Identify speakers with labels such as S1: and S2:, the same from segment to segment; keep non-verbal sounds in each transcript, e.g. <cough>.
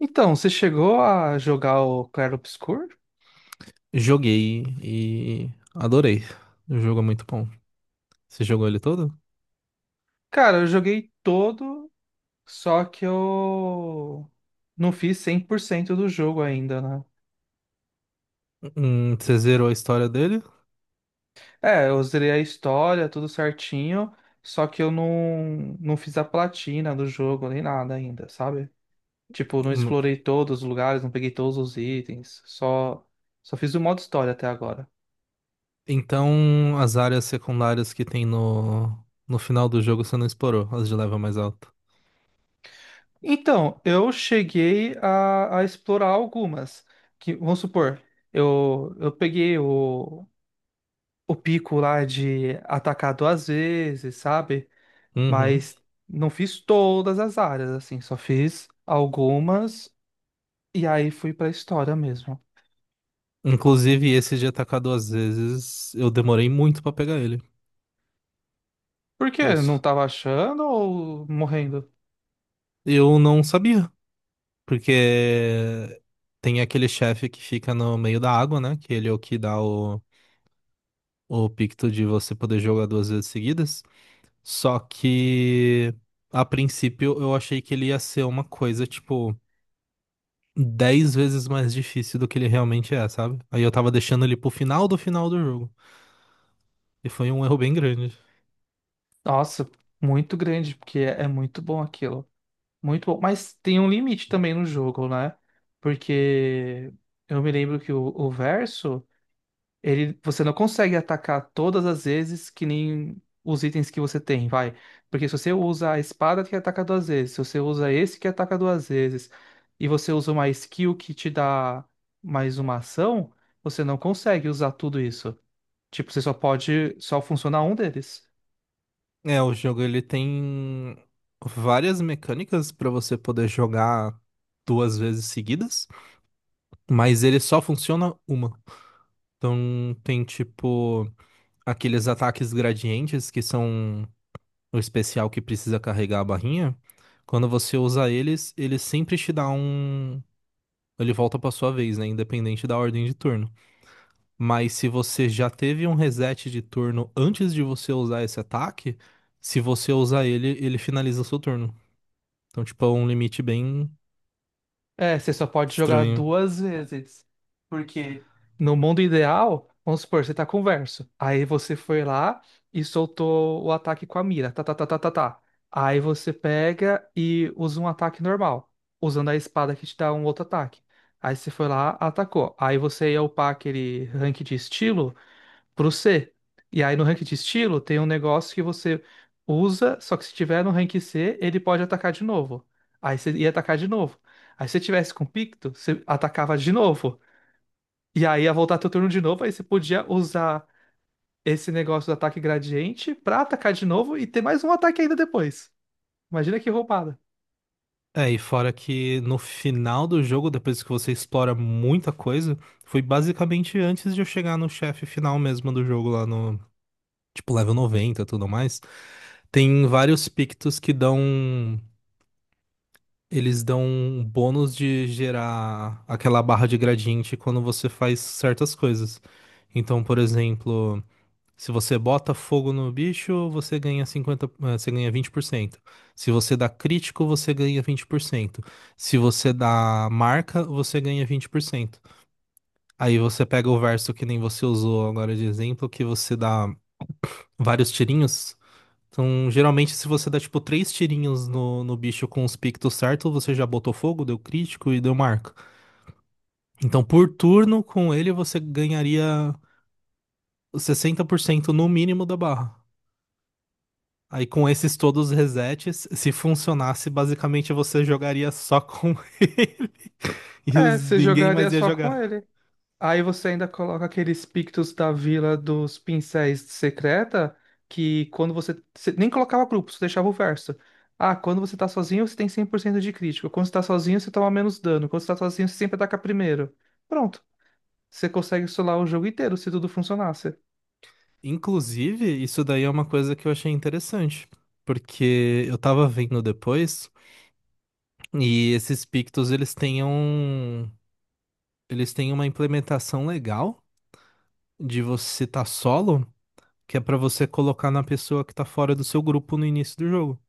S1: Então, você chegou a jogar o Claro Obscur?
S2: Joguei e adorei. O jogo é muito bom. Você jogou ele todo?
S1: Cara, eu joguei todo, só que eu não fiz 100% do jogo ainda, né?
S2: Você zerou a história dele?
S1: É, eu zerei a história, tudo certinho, só que eu não fiz a platina do jogo nem nada ainda, sabe? Tipo, não
S2: Hum.
S1: explorei todos os lugares, não peguei todos os itens, só fiz o modo história até agora.
S2: Então, as áreas secundárias que tem no final do jogo você não explorou, as de level mais alto.
S1: Então, eu cheguei a explorar algumas. Que, vamos supor, eu peguei o pico lá de atacar duas vezes, sabe?
S2: Uhum.
S1: Mas não fiz todas as áreas, assim, só fiz algumas e aí fui pra história mesmo.
S2: Inclusive, esse de atacar duas vezes, eu demorei muito pra pegar ele.
S1: Por
S2: Eu,
S1: quê? Não
S2: s-
S1: tava achando ou morrendo?
S2: eu não sabia, porque tem aquele chefe que fica no meio da água, né? Que ele é o que dá o picto de você poder jogar duas vezes seguidas. Só que a princípio eu achei que ele ia ser uma coisa, tipo, 10 vezes mais difícil do que ele realmente é, sabe? Aí eu tava deixando ele pro final do jogo. E foi um erro bem grande.
S1: Nossa, muito grande, porque é muito bom aquilo. Muito bom, mas tem um limite também no jogo, né? Porque eu me lembro que o verso, ele, você não consegue atacar todas as vezes que nem os itens que você tem, vai. Porque se você usa a espada que ataca duas vezes, se você usa esse que ataca duas vezes, e você usa uma skill que te dá mais uma ação, você não consegue usar tudo isso. Tipo, você só pode, só funciona um deles.
S2: É, o jogo ele tem várias mecânicas pra você poder jogar duas vezes seguidas, mas ele só funciona uma. Então tem tipo aqueles ataques gradientes que são o especial que precisa carregar a barrinha, quando você usa eles, ele sempre te dá um. Ele volta pra sua vez, né? Independente da ordem de turno. Mas se você já teve um reset de turno antes de você usar esse ataque, se você usar ele, ele finaliza o seu turno. Então, tipo, é um limite bem
S1: É, você só pode jogar
S2: estranho.
S1: duas vezes. Porque no mundo ideal, vamos supor, você tá com o verso. Aí você foi lá e soltou o ataque com a mira. Tá, tá, tá, tá, tá, tá. Aí você pega e usa um ataque normal, usando a espada que te dá um outro ataque. Aí você foi lá, atacou. Aí você ia upar aquele rank de estilo pro C. E aí no rank de estilo tem um negócio que você usa, só que se tiver no rank C, ele pode atacar de novo. Aí você ia atacar de novo. Aí se você tivesse com Picto, você atacava de novo. E aí ia voltar teu turno de novo, aí você podia usar esse negócio do ataque gradiente pra atacar de novo e ter mais um ataque ainda depois. Imagina que roubada.
S2: É, e fora que no final do jogo, depois que você explora muita coisa, foi basicamente antes de eu chegar no chefe final mesmo do jogo lá no, tipo, level 90 e tudo mais. Tem vários pictos que dão. Eles dão um bônus de gerar aquela barra de gradiente quando você faz certas coisas. Então, por exemplo, se você bota fogo no bicho, você ganha você ganha vinte por cento. Se você dá crítico, você ganha vinte por cento. Se você dá marca, você ganha vinte por cento. Aí você pega o verso que nem você usou agora de exemplo, que você dá vários tirinhos. Então, geralmente, se você dá, tipo, três tirinhos no bicho com os pictos certos, você já botou fogo, deu crítico e deu marca. Então, por turno, com ele, você ganharia os 60% no mínimo da barra. Aí, com esses todos os resets, se funcionasse, basicamente, você jogaria só com <laughs> ele e
S1: É,
S2: os-
S1: você
S2: ninguém
S1: jogaria
S2: mais ia
S1: só com
S2: jogar.
S1: ele. Aí você ainda coloca aqueles pictos da Vila dos Pincéis Secreta, que quando você, você nem colocava grupo, você deixava o verso. Ah, quando você tá sozinho, você tem 100% de crítica. Quando você tá sozinho, você toma menos dano. Quando você tá sozinho, você sempre ataca primeiro. Pronto. Você consegue solar o jogo inteiro se tudo funcionasse.
S2: Inclusive, isso daí é uma coisa que eu achei interessante, porque eu tava vendo depois. E esses pictos, eles têm um Eles têm uma implementação legal de você tá solo, que é pra você colocar na pessoa que tá fora do seu grupo no início do jogo.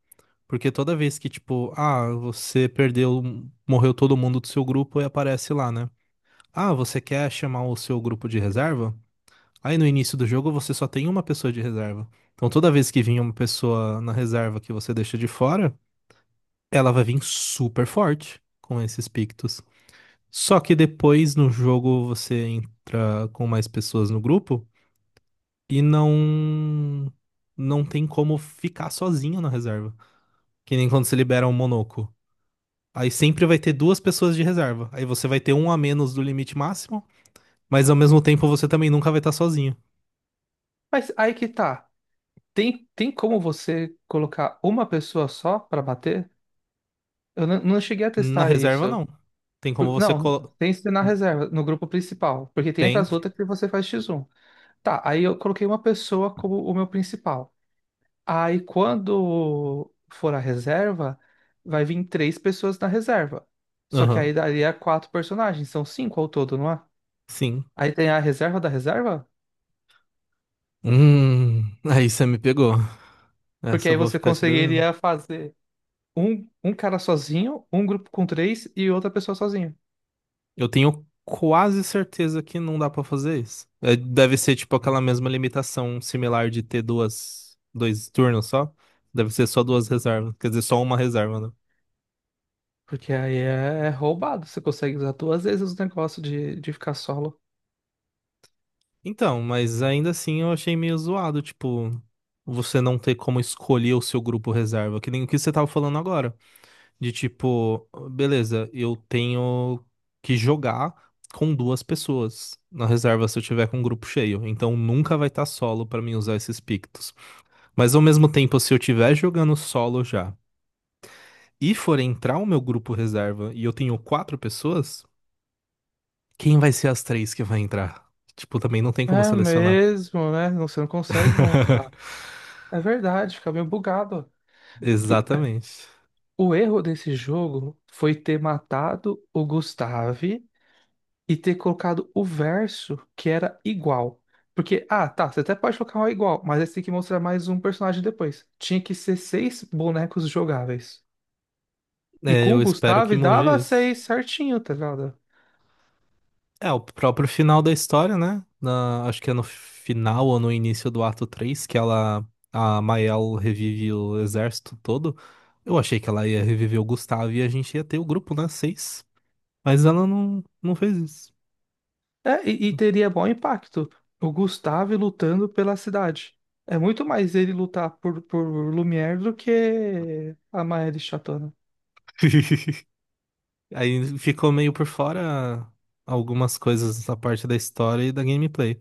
S2: Porque toda vez que, tipo, ah, você perdeu, morreu todo mundo do seu grupo e aparece lá, né? Ah, você quer chamar o seu grupo de reserva? Aí no início do jogo você só tem uma pessoa de reserva. Então toda vez que vinha uma pessoa na reserva que você deixa de fora, ela vai vir super forte com esses pictos. Só que depois no jogo você entra com mais pessoas no grupo e não tem como ficar sozinho na reserva. Que nem quando você libera um monoco. Aí sempre vai ter duas pessoas de reserva. Aí você vai ter um a menos do limite máximo, mas ao mesmo tempo você também nunca vai estar sozinho.
S1: Mas aí que tá. Tem como você colocar uma pessoa só pra bater? Eu não cheguei a
S2: Na
S1: testar
S2: reserva
S1: isso.
S2: não. Tem como você
S1: Não,
S2: colo...
S1: tem que ser na reserva, no grupo principal. Porque tem
S2: tem.
S1: aquelas outras que você faz x um. Tá, aí eu coloquei uma pessoa como o meu principal. Aí quando for a reserva, vai vir três pessoas na reserva. Só que aí
S2: Aham.
S1: daria quatro personagens, são cinco ao todo, não é?
S2: Sim.
S1: Aí tem a reserva da reserva?
S2: Hum, <laughs> aí você me pegou.
S1: Porque
S2: Essa eu
S1: aí
S2: vou
S1: você
S2: ficar te devendo.
S1: conseguiria fazer um cara sozinho, um grupo com três e outra pessoa sozinho.
S2: Eu tenho quase certeza que não dá pra fazer isso. É, deve ser tipo aquela mesma limitação similar de ter dois turnos só. Deve ser só duas reservas, quer dizer, só uma reserva, né?
S1: Porque aí é roubado, você consegue usar duas vezes o negócio de ficar solo.
S2: Então, mas ainda assim eu achei meio zoado, tipo, você não ter como escolher o seu grupo reserva, que nem o que você tava falando agora, de tipo, beleza, eu tenho que jogar com duas pessoas na reserva se eu tiver com um grupo cheio, então nunca vai estar solo pra mim usar esses pictos. Mas ao mesmo tempo, se eu estiver jogando solo já e for entrar o meu grupo reserva e eu tenho quatro pessoas, quem vai ser as três que vai entrar? Tipo, também não tem como
S1: É
S2: selecionar.
S1: mesmo, né? Não, você não consegue montar.
S2: <laughs>
S1: É verdade, fica meio bugado.
S2: Exatamente.
S1: O erro desse jogo foi ter matado o Gustave e ter colocado o verso que era igual. Porque, ah, tá, você até pode colocar um igual, mas aí você tem que mostrar mais um personagem depois. Tinha que ser seis bonecos jogáveis. E
S2: É,
S1: com
S2: eu
S1: o
S2: espero que
S1: Gustave dava
S2: mude isso.
S1: seis certinho, tá ligado?
S2: É, o próprio final da história, né? Acho que é no final ou no início do ato 3 que a Mael revive o exército todo. Eu achei que ela ia reviver o Gustavo e a gente ia ter o grupo, né? Seis. Mas ela não fez isso.
S1: É, e teria bom impacto. O Gustave lutando pela cidade. É muito mais ele lutar por Lumière do que a Maëlle Chatona.
S2: <laughs> Aí ficou meio por fora algumas coisas da parte da história e da gameplay.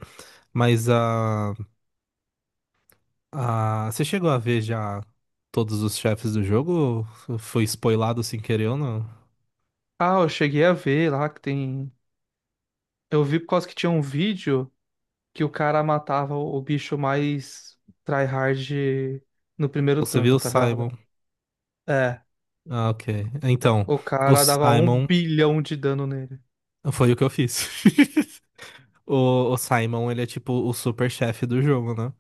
S2: Mas a, você chegou a ver já todos os chefes do jogo? Ou foi spoilado sem querer ou não?
S1: Ah, eu cheguei a ver lá que tem. Eu vi por causa que tinha um vídeo que o cara matava o bicho mais tryhard no primeiro
S2: Ou você
S1: turno,
S2: viu o
S1: tá
S2: Simon?
S1: ligado? É,
S2: Ah, ok. Então,
S1: o
S2: o
S1: cara dava um
S2: Simon
S1: bilhão de dano nele.
S2: foi o que eu fiz. <laughs> O Simon, ele é tipo o super chefe do jogo, né?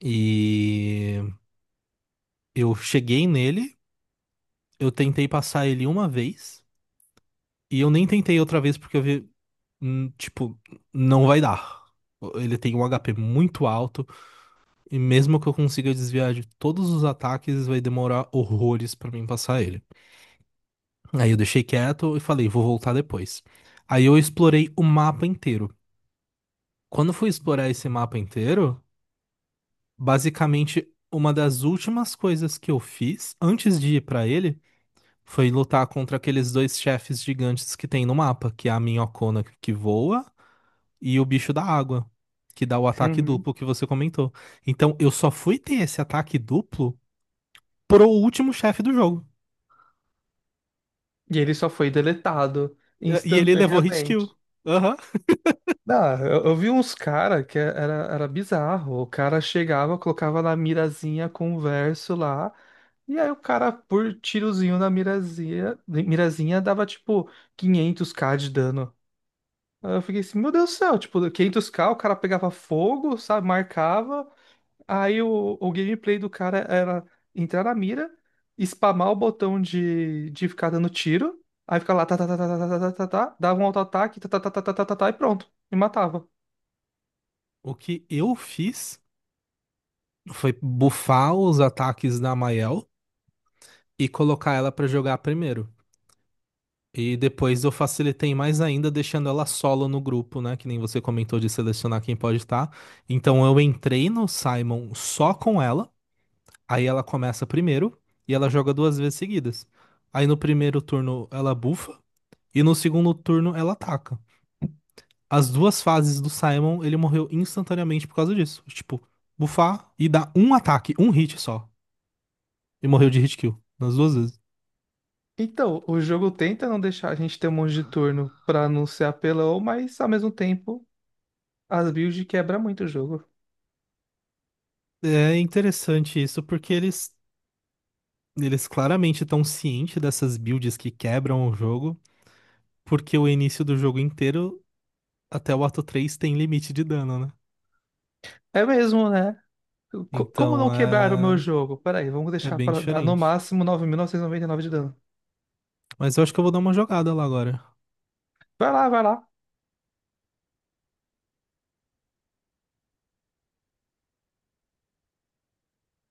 S2: E eu cheguei nele, eu tentei passar ele uma vez. E eu nem tentei outra vez porque eu vi, tipo, não vai dar. Ele tem um HP muito alto e mesmo que eu consiga desviar de todos os ataques, vai demorar horrores pra mim passar ele. Aí eu deixei quieto e falei, vou voltar depois. Aí eu explorei o mapa inteiro. Quando eu fui explorar esse mapa inteiro, basicamente uma das últimas coisas que eu fiz antes de ir pra ele foi lutar contra aqueles dois chefes gigantes que tem no mapa, que é a Minhocona que voa e o bicho da água, que dá o ataque
S1: Uhum.
S2: duplo que você comentou. Então, eu só fui ter esse ataque duplo pro último chefe do jogo.
S1: E ele só foi deletado
S2: E ele levou hit kill.
S1: instantaneamente.
S2: Aham.
S1: Ah, eu vi uns cara que era bizarro. O cara chegava, colocava na mirazinha com o verso lá, e aí o cara, por tirozinho na mirazinha, mirazinha dava tipo 500k de dano. Aí eu fiquei assim, meu Deus do céu, tipo, 500k, o cara pegava fogo, sabe, marcava, aí o gameplay do cara era entrar na mira, spamar o botão de ficar dando tiro, aí ficar lá, tá, tá, tá, tá, tá, tá, tá, tá, tá, dava um auto-ataque, tá, tá, tá, tá, tá, tá, tá, tá, e pronto, e matava.
S2: O que eu fiz foi bufar os ataques da Mael e colocar ela pra jogar primeiro. E depois eu facilitei mais ainda, deixando ela solo no grupo, né? Que nem você comentou de selecionar quem pode estar. Então eu entrei no Simon só com ela. Aí ela começa primeiro e ela joga duas vezes seguidas. Aí no primeiro turno ela bufa e no segundo turno ela ataca. As duas fases do Simon, ele morreu instantaneamente por causa disso. Tipo, bufar e dar um ataque, um hit só. E morreu de hit kill nas duas vezes.
S1: Então, o jogo tenta não deixar a gente ter um monte de turno pra não ser apelão, mas ao mesmo tempo, as builds quebra muito o jogo.
S2: É interessante isso porque eles claramente estão cientes dessas builds que quebram o jogo, porque o início do jogo inteiro até o ato 3 tem limite de dano, né?
S1: É mesmo, né? Como não
S2: Então
S1: quebrar o meu jogo? Peraí, vamos
S2: é
S1: deixar
S2: bem
S1: para dar no
S2: diferente.
S1: máximo nove mil novecentos e noventa e nove de dano.
S2: Mas eu acho que eu vou dar uma jogada lá agora.
S1: Vai lá, vai lá.